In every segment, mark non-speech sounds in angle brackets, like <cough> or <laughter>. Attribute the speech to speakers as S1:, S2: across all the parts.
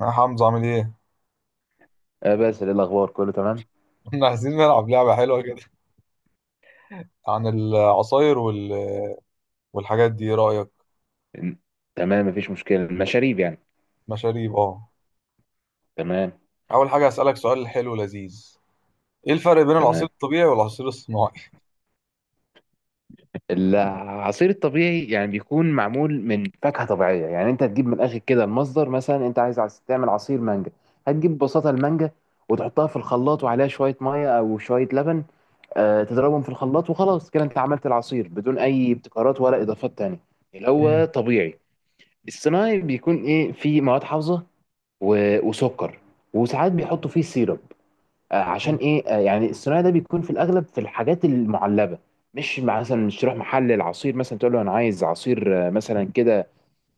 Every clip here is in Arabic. S1: يا حمزة، عامل ايه؟
S2: آه بس إيه الأخبار؟ كله تمام.
S1: <laughs> احنا عايزين نلعب لعبة حلوة كده عن العصاير والحاجات دي، ايه رأيك؟
S2: إن- تمام، مفيش مشكلة، المشاريب
S1: مشاريب، اه.
S2: تمام.
S1: أول حاجة هسألك سؤال حلو لذيذ: ايه الفرق بين العصير
S2: تمام،
S1: الطبيعي والعصير الصناعي؟
S2: العصير الطبيعي يعني بيكون معمول من فاكهة طبيعية، يعني أنت تجيب من الآخر كده المصدر. مثلا أنت عايز تعمل عصير مانجا، هتجيب ببساطة المانجا وتحطها في الخلاط وعليها شوية مية أو شوية لبن. تضربهم في الخلاط وخلاص كده أنت عملت العصير بدون أي ابتكارات ولا إضافات تانية، اللي هو
S1: مم.
S2: طبيعي. الصناعي بيكون إيه؟ فيه مواد حافظة وسكر، وساعات بيحطوا فيه سيرب. عشان ايه؟ يعني الصناعي ده بيكون في الاغلب في الحاجات المعلبه. مش مثلا مش تروح محل العصير مثلا تقول له انا عايز عصير مثلا كده،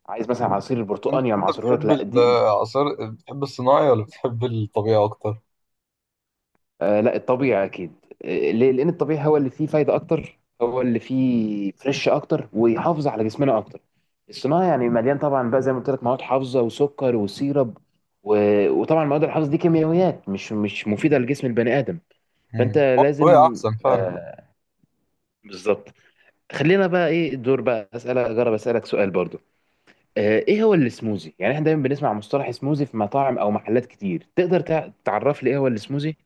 S2: عايز مثلا عصير
S1: انت
S2: برتقاني انا
S1: انت
S2: معصره لك،
S1: بتحب
S2: لا دي.
S1: العصير، بتحب الصناعي ولا بتحب الطبيعي أكتر؟
S2: لا، الطبيعي اكيد. ليه؟ لان الطبيعي هو اللي فيه فايده اكتر، هو اللي فيه فريش اكتر ويحافظ على جسمنا اكتر. الصناعي يعني مليان طبعا بقى زي ما قلت لك مواد حافظه وسكر وسيرب، وطبعا المواد الحافظه دي كيميائيات مش مفيده لجسم البني ادم. فانت
S1: مم. هو الطبيعي
S2: لازم،
S1: أحسن فعلا.
S2: آه، بالظبط. خلينا بقى ايه الدور بقى، اسالك، اجرب اسالك سؤال برضو. ايه هو السموزي؟ يعني احنا دايما بنسمع مصطلح سموزي في مطاعم او محلات كتير، تقدر تعرف لي ايه هو السموزي؟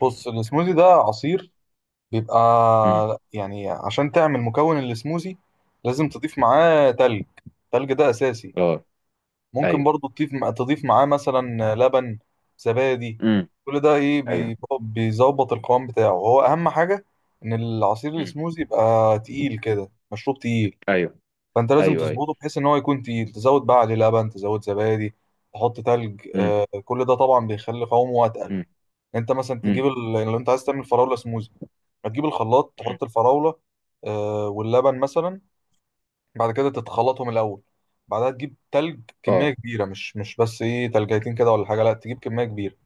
S1: بص، السموزي ده عصير بيبقى
S2: امم
S1: يعني. عشان تعمل مكون السموزي لازم تضيف معاه تلج، التلج ده أساسي.
S2: اه.
S1: ممكن
S2: ايوه.
S1: برضو تضيف معاه مثلا لبن، زبادي.
S2: امم
S1: كل ده
S2: ايوه.
S1: بيظبط القوام بتاعه، هو اهم حاجه ان العصير
S2: امم
S1: السموزي يبقى تقيل، كده مشروب تقيل.
S2: ايوه،
S1: فانت لازم
S2: ايوه، ايوه.
S1: تظبطه بحيث ان هو يكون تقيل، تزود بقى عليه لبن، تزود زبادي، تحط تلج.
S2: امم
S1: كل ده طبعا بيخلي قوامه اتقل.
S2: امم
S1: انت مثلا
S2: امم
S1: تجيب لو انت عايز تعمل فراوله سموزي، هتجيب الخلاط،
S2: أمم.
S1: تحط الفراوله واللبن مثلا. بعد كده تتخلطهم الاول. بعدها تجيب تلج كميه
S2: اه.
S1: كبيره، مش بس ايه تلجيتين كده ولا حاجه، لا، تجيب كميه كبيره.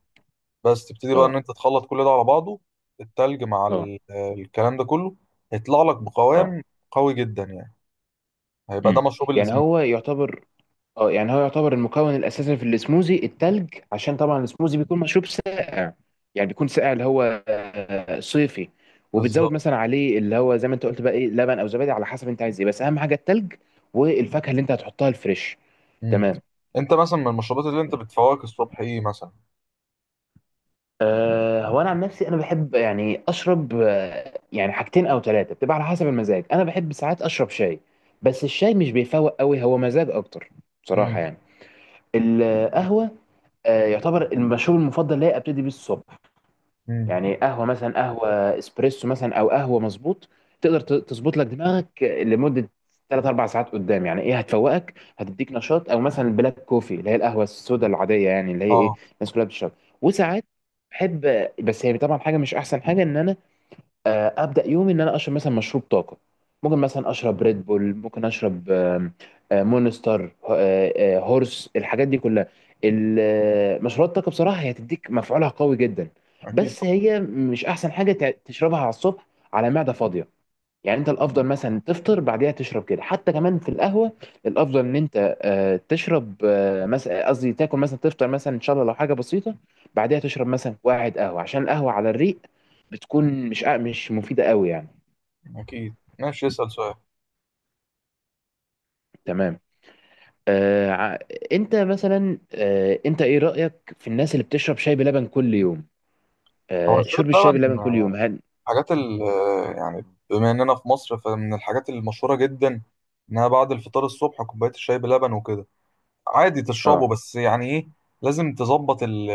S1: بس تبتدي بقى ان
S2: اه.
S1: انت تخلط كل ده على بعضه. التلج مع
S2: اه.
S1: الكلام ده كله هيطلع لك
S2: اه.
S1: بقوام قوي جدا يعني. هيبقى ده
S2: امم
S1: مشروب
S2: يعني
S1: السموذي.
S2: هو يعتبر، اه يعني هو يعتبر المكون الاساسي في السموزي التلج، عشان طبعا السموزي بيكون مشروب ساقع، يعني بيكون ساقع اللي هو صيفي. وبتزود
S1: بالظبط.
S2: مثلا عليه اللي هو زي ما انت قلت بقى ايه لبن او زبادي على حسب انت عايز ايه، بس اهم حاجه التلج والفاكهه اللي انت هتحطها الفريش.
S1: مم.
S2: تمام.
S1: انت مثلا من المشروبات اللي انت بتفوقك الصبح ايه مثلا؟
S2: هو انا عن نفسي انا بحب يعني اشرب، يعني حاجتين او ثلاثه بتبقى على حسب المزاج. انا بحب ساعات اشرب شاي، بس الشاي مش بيفوق قوي، هو مزاج اكتر بصراحه
S1: امم،
S2: يعني. القهوه يعتبر المشروب المفضل ليا ابتدي بيه الصبح.
S1: امم.
S2: يعني قهوه، مثلا قهوه اسبريسو، مثلا او قهوه مظبوط، تقدر تظبط لك دماغك لمده 3 4 ساعات قدام، يعني ايه هتفوقك هتديك نشاط. او مثلا البلاك كوفي اللي هي القهوه السوداء العاديه، يعني اللي هي ايه
S1: اه.
S2: الناس كلها بتشربها. وساعات بحب، بس هي طبعا حاجه مش احسن حاجه ان انا ابدا يومي ان انا اشرب مثلا مشروب طاقه. ممكن مثلا اشرب ريد بول، ممكن اشرب آم، آه، مونستر، هورس، الحاجات دي كلها. مشروبات الطاقه بصراحه هي تديك مفعولها قوي جدا،
S1: اكيد
S2: بس
S1: طبعا.
S2: هي مش احسن حاجه تشربها على الصبح على معده فاضيه. يعني انت الافضل مثلا تفطر بعديها تشرب كده، حتى كمان في القهوه الافضل ان انت تشرب، مثلا قصدي تاكل، مثلا تفطر مثلا ان شاء الله لو حاجه بسيطه، بعديها تشرب مثلا واحد قهوه، عشان القهوه على الريق بتكون مش، مش مفيده قوي يعني.
S1: اكيد، ماشي، اسال سؤال.
S2: تمام. آه ع- انت مثلا انت ايه رايك في الناس اللي بتشرب شاي بلبن كل يوم؟
S1: هو شرب
S2: شرب الشاي
S1: لبن،
S2: بلبن كل يوم هل،
S1: حاجات ال... يعني بما اننا في مصر فمن الحاجات المشهورة جدا انها بعد الفطار الصبح كوباية الشاي بلبن وكده. عادي تشربه،
S2: اه
S1: بس يعني ايه لازم تظبط ال...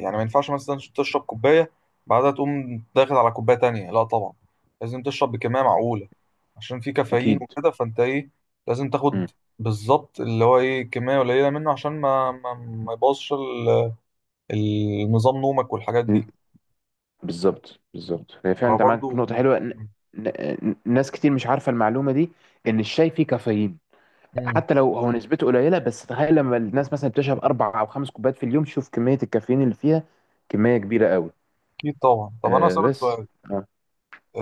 S1: يعني ما ينفعش مثلا تشرب كوباية بعدها تقوم داخل على كوباية تانية، لا طبعا، لازم تشرب بكمية معقولة عشان في كافيين
S2: اكيد.
S1: وكده. فانت ايه، لازم تاخد بالظبط اللي هو ايه كمية قليلة منه عشان ما يبوظش النظام، نومك والحاجات
S2: مم.
S1: دي.
S2: بالظبط، هي فعلا انت معاك
S1: فبرضه
S2: نقطة حلوة، ناس كتير مش عارفة المعلومة دي ان الشاي فيه كافيين، حتى لو هو نسبته قليلة، بس تخيل لما الناس مثلا بتشرب اربع او خمس كوبايات في اليوم، شوف كمية الكافيين اللي فيها، كمية كبيرة قوي.
S1: اكيد طبعا. طب انا
S2: آه
S1: اسالك
S2: بس
S1: سؤال،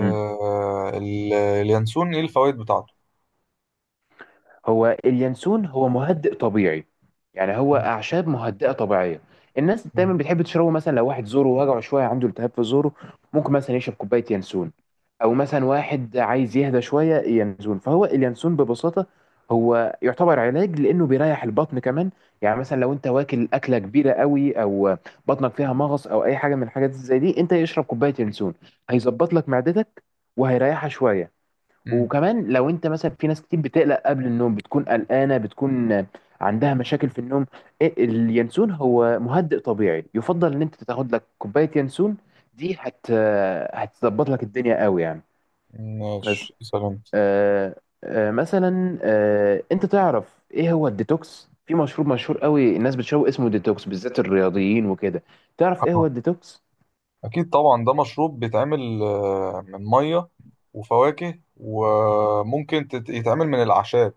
S2: آه.
S1: ال- اليانسون ايه الفوائد بتاعته؟
S2: هو اليانسون هو مهدئ طبيعي، يعني هو اعشاب مهدئه طبيعيه. الناس دايما بتحب تشربه، مثلا لو واحد زوره وجعه شويه، عنده التهاب في زوره، ممكن مثلا يشرب كوبايه ينسون، او مثلا واحد عايز يهدى شويه ينسون. فهو اليانسون ببساطه هو يعتبر علاج، لانه بيريح البطن كمان. يعني مثلا لو انت واكل اكله كبيره قوي، او بطنك فيها مغص او اي حاجه من الحاجات زي دي، انت يشرب كوبايه ينسون هيظبط لك معدتك وهيريحها شويه.
S1: امم.
S2: وكمان لو انت مثلا، في ناس كتير بتقلق قبل النوم، بتكون قلقانه، بتكون عندها مشاكل في النوم، ايه اليانسون هو مهدئ طبيعي، يفضل ان انت تاخد لك كوبايه يانسون، دي هت، هتظبط لك الدنيا قوي يعني. بس
S1: ماشي، اسال انت.
S2: آه مثلا انت تعرف ايه هو الديتوكس؟ في مشروب مشهور قوي الناس بتشربه اسمه ديتوكس، بالذات الرياضيين وكده، تعرف ايه هو
S1: اه،
S2: الديتوكس؟
S1: اكيد طبعا، ده مشروب بيتعمل من ميه وفواكه، وممكن يتعمل من الاعشاب.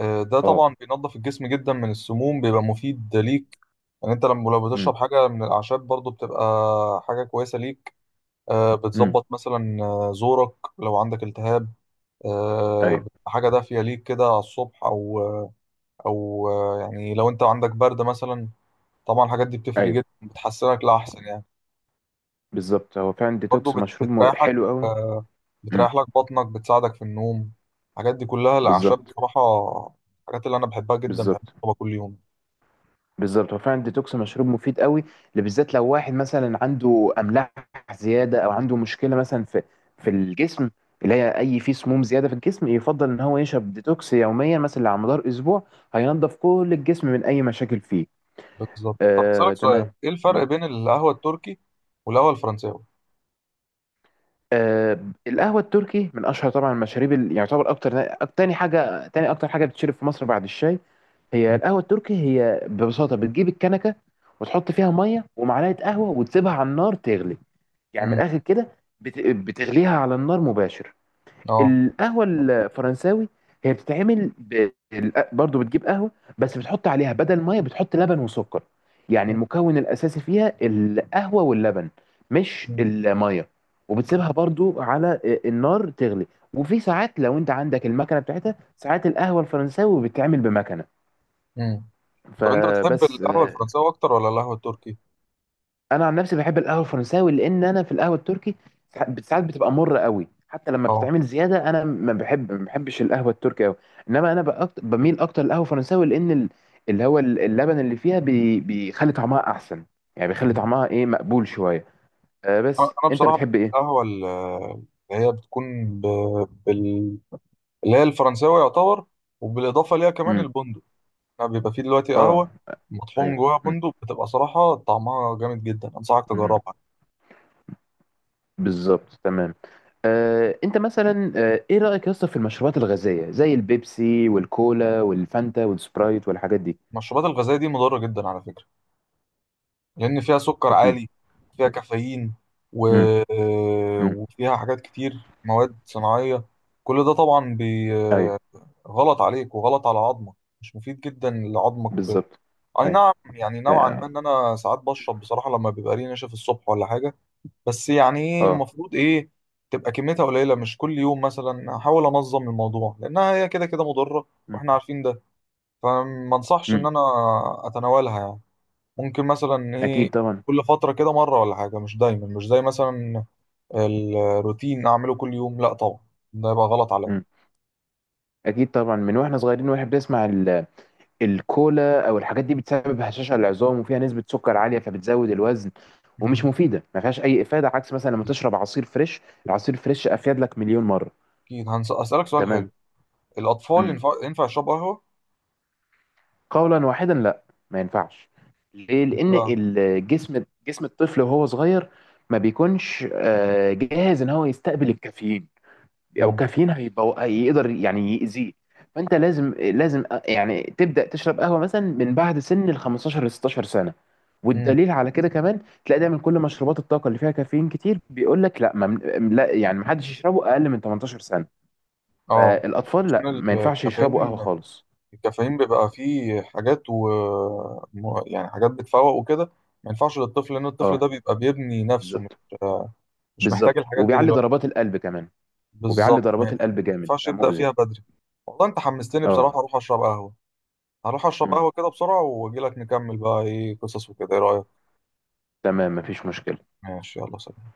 S1: ده
S2: اه.
S1: طبعا بينظف الجسم جدا من السموم، بيبقى مفيد ليك. يعني انت لما لو
S2: امم
S1: بتشرب حاجه من الاعشاب برضو بتبقى حاجه كويسه ليك.
S2: امم
S1: بتظبط مثلا زورك لو عندك التهاب.
S2: ايوه.
S1: بتبقى حاجة دافية ليك كده على الصبح، أو أو يعني لو أنت عندك برد مثلا. طبعا الحاجات دي بتفرق
S2: ايوه،
S1: جدا، بتحسنك لأحسن يعني.
S2: بالظبط، هو فعلا
S1: برضه
S2: ديتوكس مشروب
S1: بتريحك،
S2: حلو قوي.
S1: آه،
S2: امم
S1: بتريح لك بطنك، بتساعدك في النوم. الحاجات دي كلها الأعشاب
S2: بالظبط
S1: بصراحة، الحاجات اللي أنا بحبها جدا بحب
S2: بالظبط
S1: أشربها كل يوم.
S2: بالظبط، هو فعلا الديتوكس مشروب مفيد قوي، اللي بالذات لو واحد مثلا عنده املاح زياده، او عنده مشكله مثلا في في الجسم، اللي هي اي في سموم زياده في الجسم، يفضل ان هو يشرب ديتوكس يوميا مثلا على مدار اسبوع، هينضف كل الجسم من اي مشاكل فيه.
S1: بالظبط. طب أسألك سؤال،
S2: تمام.
S1: إيه الفرق بين القهوة التركي والقهوة الفرنساوي؟
S2: آه القهوه التركي من اشهر طبعا المشاريب، اللي يعتبر اكتر تاني حاجه، تاني اكتر حاجه بتشرب في مصر بعد الشاي، هي
S1: مم.
S2: القهوة التركي. هي ببساطة بتجيب الكنكة وتحط فيها مية ومعلقة قهوة وتسيبها على النار تغلي. يعني من
S1: مم.
S2: الآخر كده بتغليها على النار مباشر.
S1: آه.
S2: القهوة الفرنساوي هي بتتعمل برضو بتجيب قهوة، بس بتحط عليها بدل مية بتحط لبن وسكر، يعني المكون الأساسي فيها القهوة واللبن، مش
S1: مم.
S2: المية. وبتسيبها برضو على النار تغلي. وفي ساعات لو انت عندك المكنة بتاعتها، ساعات القهوة الفرنساوي بتتعمل بمكنة.
S1: مم. طب أنت بتحب
S2: فبس
S1: القهوة
S2: آه،
S1: الفرنساوي أكتر ولا القهوة التركي؟
S2: انا عن نفسي بحب القهوه الفرنساوي، لان انا في القهوه التركي ساعات بتبقى مره قوي حتى لما
S1: آه.
S2: بتتعمل زياده، انا ما بحبش القهوه التركي قوي. انما انا بميل اكتر للقهوه الفرنساوي، لان اللبن اللي فيها بيخلي طعمها احسن، يعني بيخلي طعمها ايه مقبول شويه. آه بس
S1: انا
S2: انت
S1: بصراحه
S2: بتحب ايه؟
S1: القهوه اللي هي بتكون ب... بال... اللي هي الفرنساوي يعتبر، وبالاضافه ليها كمان
S2: امم
S1: البندق. يعني بيبقى فيه دلوقتي
S2: اه.
S1: قهوه مطحون
S2: ايوه.
S1: جواها
S2: مم.
S1: بندق، بتبقى صراحه طعمها جامد جدا، انصحك
S2: مم.
S1: تجربها.
S2: بالظبط، تمام. انت مثلا ايه رايك يا اسطى في المشروبات الغازيه زي البيبسي والكولا والفانتا والسبرايت والحاجات دي؟
S1: المشروبات الغازيه دي مضره جدا على فكره، لان فيها سكر
S2: اكيد.
S1: عالي، فيها كافيين و...
S2: امم امم
S1: وفيها حاجات كتير، مواد صناعيه. كل ده طبعا
S2: ايوه.
S1: غلط عليك وغلط على عظمك، مش مفيد جدا لعظمك وكده.
S2: بالظبط.
S1: اي
S2: ايوه.
S1: نعم، يعني نوعا
S2: اه.
S1: ما ان انا ساعات بشرب بصراحه لما بيبقى لي نشف الصبح ولا حاجه. بس يعني ايه،
S2: آه.
S1: المفروض ايه تبقى كميتها قليله، مش كل يوم، مثلا احاول انظم الموضوع، لانها هي كده كده مضره،
S2: مم.
S1: واحنا عارفين ده. فما انصحش ان
S2: مم.
S1: انا اتناولها يعني. ممكن مثلا ايه
S2: اكيد طبعا.
S1: كل فتره كده مره ولا حاجه، مش دايما، مش زي مثلا الروتين اعمله كل يوم، لا طبعا، ده يبقى غلط عليا.
S2: مم. اكيد طبعا، من واحنا صغيرين واحنا بنسمع الكولا او الحاجات دي بتسبب هشاشه للعظام، وفيها نسبه سكر عاليه فبتزود الوزن، ومش
S1: مم.
S2: مفيده، ما فيهاش اي افاده. عكس مثلا لما تشرب عصير فريش، العصير فريش افيد لك مليون مره.
S1: اكيد، هسالك سؤال حلو:
S2: تمام.
S1: الاطفال
S2: مم.
S1: ينفع يشربوا قهوه؟
S2: قولا واحدا لا، ما ينفعش. ليه؟
S1: ليه
S2: لان
S1: بقى؟
S2: الجسم، جسم الطفل وهو صغير، ما بيكونش جاهز ان هو يستقبل الكافيين، او
S1: مم.
S2: كافيين هيبقى هيقدر يعني يأذيه. فانت لازم يعني تبدأ تشرب قهوة مثلا من بعد سن ال 15 ل 16 سنة.
S1: مم.
S2: والدليل على كده كمان تلاقي دايما كل مشروبات الطاقة اللي فيها كافيين كتير بيقول لك لا، لا يعني ما حدش يشربه اقل من 18 سنة.
S1: اه.
S2: فالاطفال لا ما
S1: ال-
S2: ينفعش يشربوا
S1: الكافيين
S2: قهوة خالص.
S1: الكافيين بيبقى فيه حاجات و... يعني حاجات بتفوق وكده، ما ينفعش للطفل، لان الطفل ده
S2: اه،
S1: بيبقى بيبني نفسه، مش
S2: بالظبط.
S1: مش محتاج الحاجات دي
S2: وبيعلي
S1: دلوقتي.
S2: ضربات القلب كمان. وبيعلي
S1: بالظبط، ما
S2: ضربات
S1: يعني
S2: القلب
S1: ما
S2: جامد
S1: ينفعش يبدأ
S2: فمؤذي.
S1: فيها بدري. والله انت حمستني بصراحة،
S2: اه.
S1: اروح اشرب قهوة. هروح اشرب
S2: مم.
S1: قهوة كده بسرعة واجي لك نكمل بقى ايه قصص وكده، ايه رأيك؟
S2: تمام، مفيش مشكلة.
S1: ماشي، يلا، سلام.